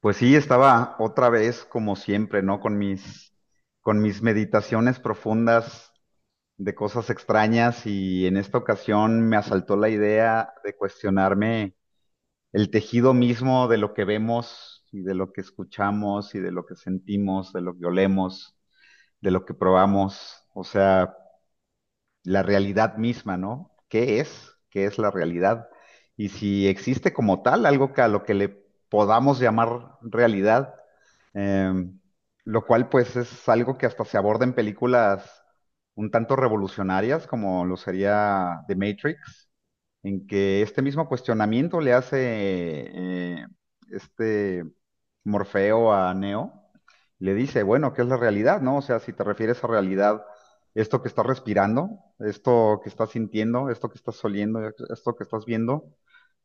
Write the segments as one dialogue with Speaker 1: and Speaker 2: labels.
Speaker 1: Pues sí, estaba otra vez como siempre, ¿no? Con mis meditaciones profundas de cosas extrañas y en esta ocasión me asaltó la idea de cuestionarme el tejido mismo de lo que vemos y de lo que escuchamos y de lo que sentimos, de lo que olemos, de lo que probamos, o sea, la realidad misma, ¿no? ¿Qué es? ¿Qué es la realidad? Y si existe como tal algo que a lo que le podamos llamar realidad. Em, lo cual pues es algo que hasta se aborda en películas un tanto revolucionarias como lo sería The Matrix, en que este mismo cuestionamiento le hace este Morfeo a Neo, le dice, bueno, ¿qué es la realidad, no? O sea, si te refieres a realidad, esto que estás respirando, esto que estás sintiendo, esto que estás oliendo, esto que estás viendo,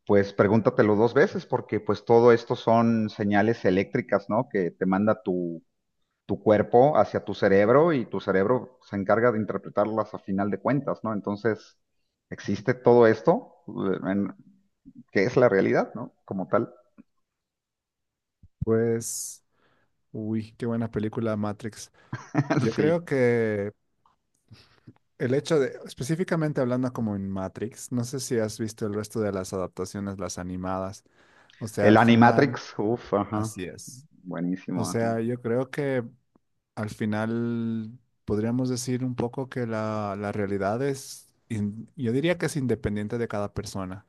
Speaker 1: pues pregúntatelo dos veces porque pues todo esto son señales eléctricas, ¿no? Que te manda tu cuerpo hacia tu cerebro y tu cerebro se encarga de interpretarlas a final de cuentas, ¿no? Entonces, existe todo esto, que es la realidad, ¿no? Como tal.
Speaker 2: Pues, uy, qué buena película Matrix. Yo
Speaker 1: Sí.
Speaker 2: creo que el hecho de, específicamente hablando como en Matrix, no sé si has visto el resto de las adaptaciones, las animadas. O sea,
Speaker 1: El
Speaker 2: al final,
Speaker 1: Animatrix, uff, ajá.
Speaker 2: así es. O
Speaker 1: Buenísimo, ajá.
Speaker 2: sea, yo creo que al final, podríamos decir un poco que la realidad es, yo diría que es independiente de cada persona.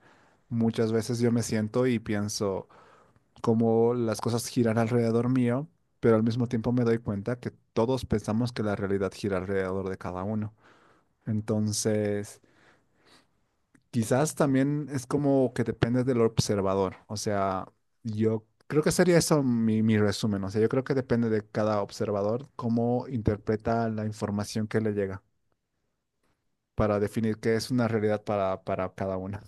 Speaker 2: Muchas veces yo me siento y pienso cómo las cosas giran alrededor mío, pero al mismo tiempo me doy cuenta que todos pensamos que la realidad gira alrededor de cada uno. Entonces, quizás también es como que depende del observador. O sea, yo creo que sería eso mi resumen. O sea, yo creo que depende de cada observador cómo interpreta la información que le llega para definir qué es una realidad para cada una.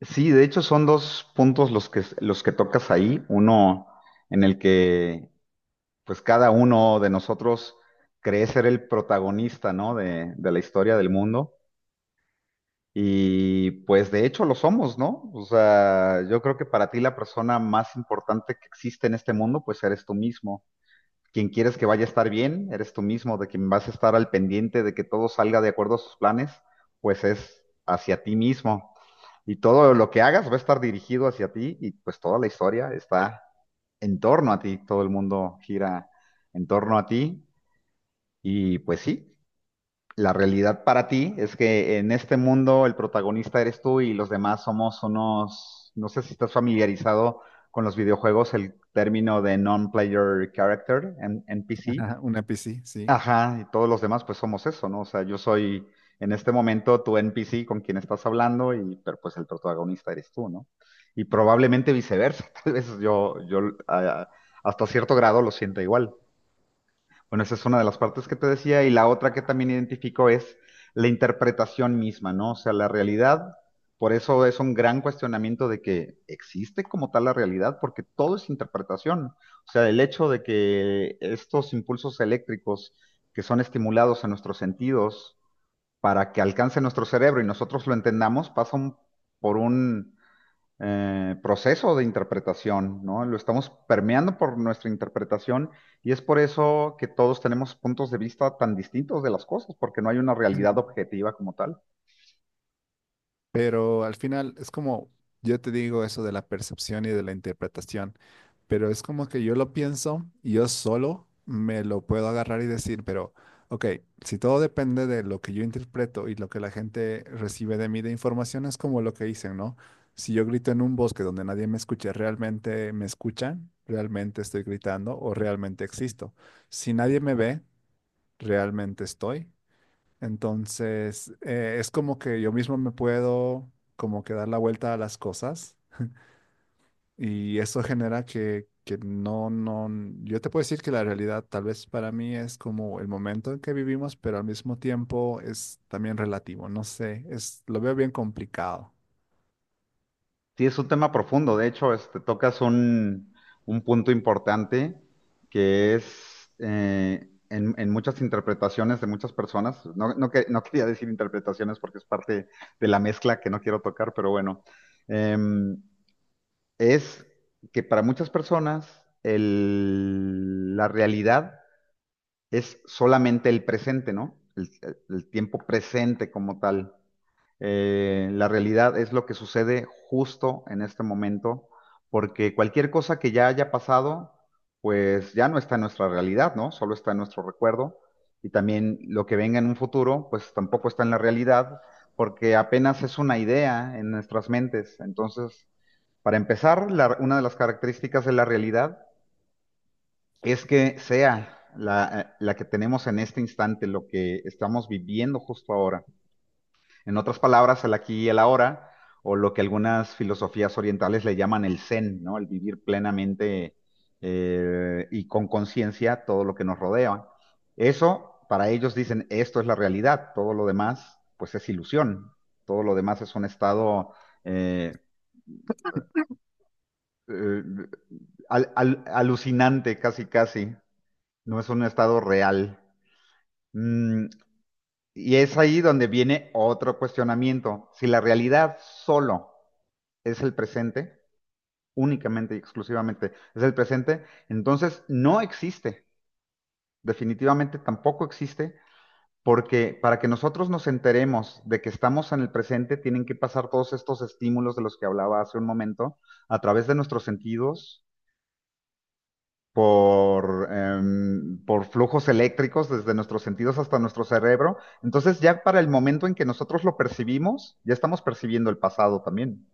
Speaker 1: Sí, de hecho son dos puntos los que tocas ahí. Uno en el que pues cada uno de nosotros cree ser el protagonista, ¿no? De la historia del mundo. Y pues de hecho lo somos, ¿no? O sea, yo creo que para ti la persona más importante que existe en este mundo, pues eres tú mismo. Quien quieres que vaya a estar bien, eres tú mismo. De quien vas a estar al pendiente de que todo salga de acuerdo a sus planes, pues es hacia ti mismo. Y todo lo que hagas va a estar dirigido hacia ti y pues toda la historia está en torno a ti. Todo el mundo gira en torno a ti y pues sí, la realidad para ti es que en este mundo el protagonista eres tú y los demás somos unos, no sé si estás familiarizado con los videojuegos, el término de non-player character, NPC.
Speaker 2: Ajá, una PC, sí.
Speaker 1: Ajá, y todos los demás pues somos eso, ¿no? O sea, yo soy en este momento tu NPC con quien estás hablando y pero pues el protagonista eres tú, ¿no? Y probablemente viceversa, tal vez yo ah, hasta cierto grado lo siento igual. Bueno, esa es una de las partes que te decía y la otra que también identifico es la interpretación misma, ¿no? O sea, la realidad, por eso es un gran cuestionamiento de que existe como tal la realidad, porque todo es interpretación. O sea, el hecho de que estos impulsos eléctricos que son estimulados en nuestros sentidos para que alcance nuestro cerebro y nosotros lo entendamos, pasan por un proceso de interpretación, ¿no? Lo estamos permeando por nuestra interpretación y es por eso que todos tenemos puntos de vista tan distintos de las cosas, porque no hay una realidad
Speaker 2: Ujú.
Speaker 1: objetiva como tal.
Speaker 2: Pero al final es como yo te digo eso de la percepción y de la interpretación. Pero es como que yo lo pienso y yo solo me lo puedo agarrar y decir, pero, ok, si todo depende de lo que yo interpreto y lo que la gente recibe de mí de información, es como lo que dicen, ¿no? Si yo grito en un bosque donde nadie me escucha, ¿realmente me escuchan? ¿Realmente estoy gritando o realmente existo? Si nadie me ve, ¿realmente estoy? Entonces, es como que yo mismo me puedo como que dar la vuelta a las cosas y eso genera que no, yo te puedo decir que la realidad tal vez para mí es como el momento en que vivimos, pero al mismo tiempo es también relativo, no sé, es, lo veo bien complicado.
Speaker 1: Sí, es un tema profundo, de hecho, este, tocas un punto importante que es en muchas interpretaciones de muchas personas, no quería decir interpretaciones porque es parte de la mezcla que no quiero tocar, pero bueno. Em, es que para muchas personas la realidad es solamente el presente, ¿no? El tiempo presente como tal. La realidad es lo que sucede justo en este momento, porque cualquier cosa que ya haya pasado, pues ya no está en nuestra realidad, ¿no? Solo está en nuestro recuerdo. Y también lo que venga en un futuro, pues tampoco está en la realidad, porque apenas es una idea en nuestras mentes. Entonces, para empezar, una de las características de la realidad es que sea la, la que tenemos en este instante, lo que estamos viviendo justo ahora. En otras palabras, el aquí y el ahora, o lo que algunas filosofías orientales le llaman el zen, ¿no? El vivir plenamente y con conciencia todo lo que nos rodea. Eso, para ellos dicen, esto es la realidad, todo lo demás, pues es ilusión, todo lo demás es un estado eh, eh, alucinante, casi, casi. No es un estado real. Mm, y es ahí donde viene otro cuestionamiento. Si la realidad solo es el presente, únicamente y exclusivamente es el presente, entonces no existe. Definitivamente tampoco existe, porque para que nosotros nos enteremos de que estamos en el presente, tienen que pasar todos estos estímulos de los que hablaba hace un momento a través de nuestros sentidos por, por flujos eléctricos desde nuestros sentidos hasta nuestro cerebro. Entonces ya para el momento en que nosotros lo percibimos, ya estamos percibiendo el pasado también.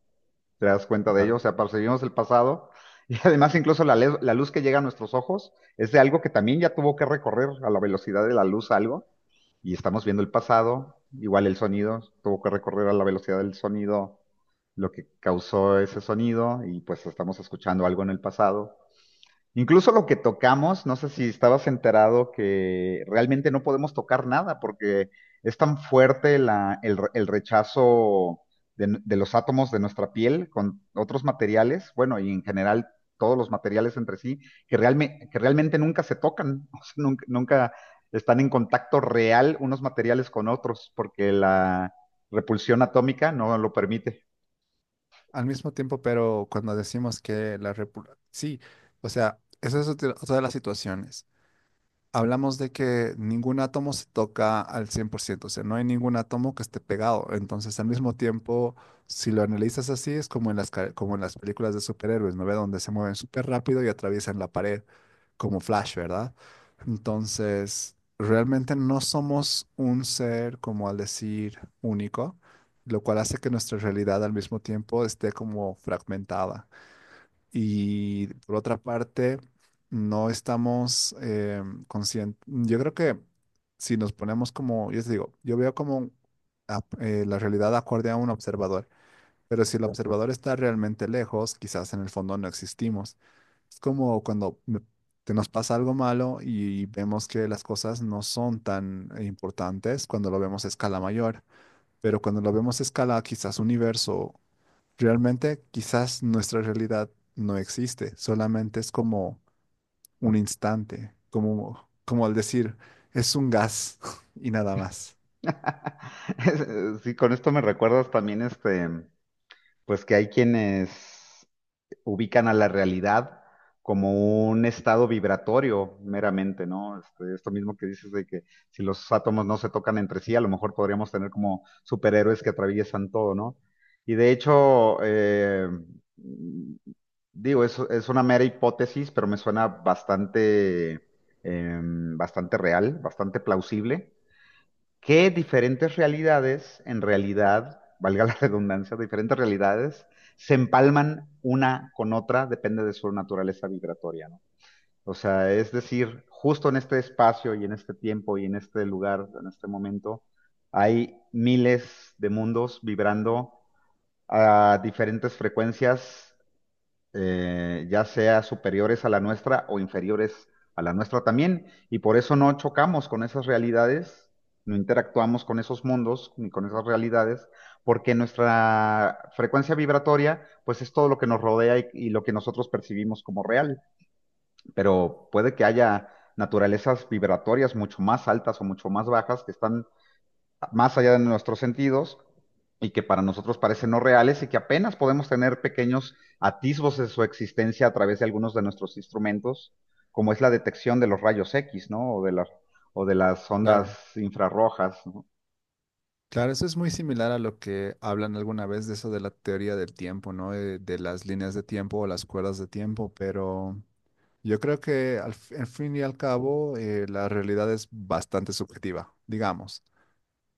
Speaker 1: ¿Te das cuenta de ello?
Speaker 2: Claro.
Speaker 1: O sea, percibimos el pasado y además incluso la luz que llega a nuestros ojos es de algo que también ya tuvo que recorrer a la velocidad de la luz algo y estamos viendo el pasado. Igual el sonido tuvo que recorrer a la velocidad del sonido lo que causó ese sonido y pues estamos escuchando algo en el pasado. Incluso lo que tocamos, no sé si estabas enterado que realmente no podemos tocar nada porque es tan fuerte el rechazo de los átomos de nuestra piel con otros materiales, bueno, y en general todos los materiales entre sí, que, que realmente nunca se tocan, o sea, nunca, nunca están en contacto real unos materiales con otros porque la repulsión atómica no lo permite.
Speaker 2: Al mismo tiempo, pero cuando decimos que la república, sí, o sea, esa es otra otra de las situaciones. Hablamos de que ningún átomo se toca al 100%, o sea, no hay ningún átomo que esté pegado. Entonces, al mismo tiempo, si lo analizas así, es como en como en las películas de superhéroes, ¿no ve? Donde se mueven súper rápido y atraviesan la pared, como Flash, ¿verdad? Entonces, realmente no somos un ser, como al decir, único, lo cual hace que nuestra realidad al mismo tiempo esté como fragmentada. Y por otra parte, no estamos conscientes. Yo creo que si nos ponemos como, yo te digo, yo veo como la realidad acorde a un observador, pero si el observador está realmente lejos, quizás en el fondo no existimos. Es como cuando te nos pasa algo malo y vemos que las cosas no son tan importantes cuando lo vemos a escala mayor, pero cuando lo vemos a escala quizás universo, realmente quizás nuestra realidad no existe, solamente es como un instante, como, como al decir, es un gas y nada más.
Speaker 1: Sí, con esto me recuerdas también este. Pues que hay quienes ubican a la realidad como un estado vibratorio meramente, ¿no? Este, esto mismo que dices de que si los átomos no se tocan entre sí, a lo mejor podríamos tener como superhéroes que atraviesan todo, ¿no? Y de hecho, digo, es una mera hipótesis, pero me suena bastante, eh, bastante real, bastante plausible que diferentes realidades, en realidad, valga la redundancia, diferentes realidades se empalman una con otra, depende de su naturaleza vibratoria, ¿no? O sea, es decir, justo en este espacio y en este tiempo y en este lugar, en este momento, hay miles de mundos vibrando a diferentes frecuencias ya sea superiores a la nuestra o inferiores a la nuestra también, y por eso no chocamos con esas realidades, no interactuamos con esos mundos ni con esas realidades, porque nuestra frecuencia vibratoria, pues es todo lo que nos rodea y lo que nosotros percibimos como real, pero puede que haya naturalezas vibratorias mucho más altas o mucho más bajas que están más allá de nuestros sentidos y que para nosotros parecen no reales y que apenas podemos tener pequeños atisbos de su existencia a través de algunos de nuestros instrumentos, como es la detección de los rayos X, ¿no? O de las ondas
Speaker 2: Claro,
Speaker 1: infrarrojas, ¿no?
Speaker 2: claro, eso es muy similar a lo que hablan alguna vez de eso de la teoría del tiempo, ¿no? De las líneas de tiempo o las cuerdas de tiempo, pero yo creo que al fin y al cabo la realidad es bastante subjetiva, digamos.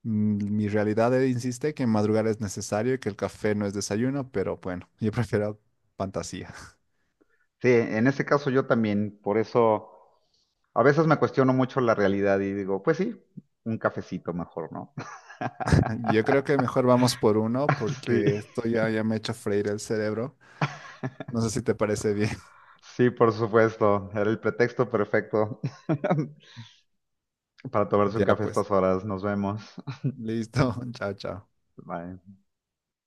Speaker 2: Mi realidad insiste que madrugar es necesario y que el café no es desayuno, pero bueno, yo prefiero fantasía.
Speaker 1: Sí, en ese caso yo también, por eso a veces me cuestiono mucho la realidad y digo, pues sí, un cafecito mejor, ¿no?
Speaker 2: Yo creo que mejor vamos por uno porque
Speaker 1: Sí,
Speaker 2: esto ya me ha hecho freír el cerebro. No sé si te parece bien.
Speaker 1: sí, por supuesto, era el pretexto perfecto para tomarse un
Speaker 2: Ya
Speaker 1: café a
Speaker 2: pues,
Speaker 1: estas horas. Nos vemos.
Speaker 2: listo. Chao, chao.
Speaker 1: Bye.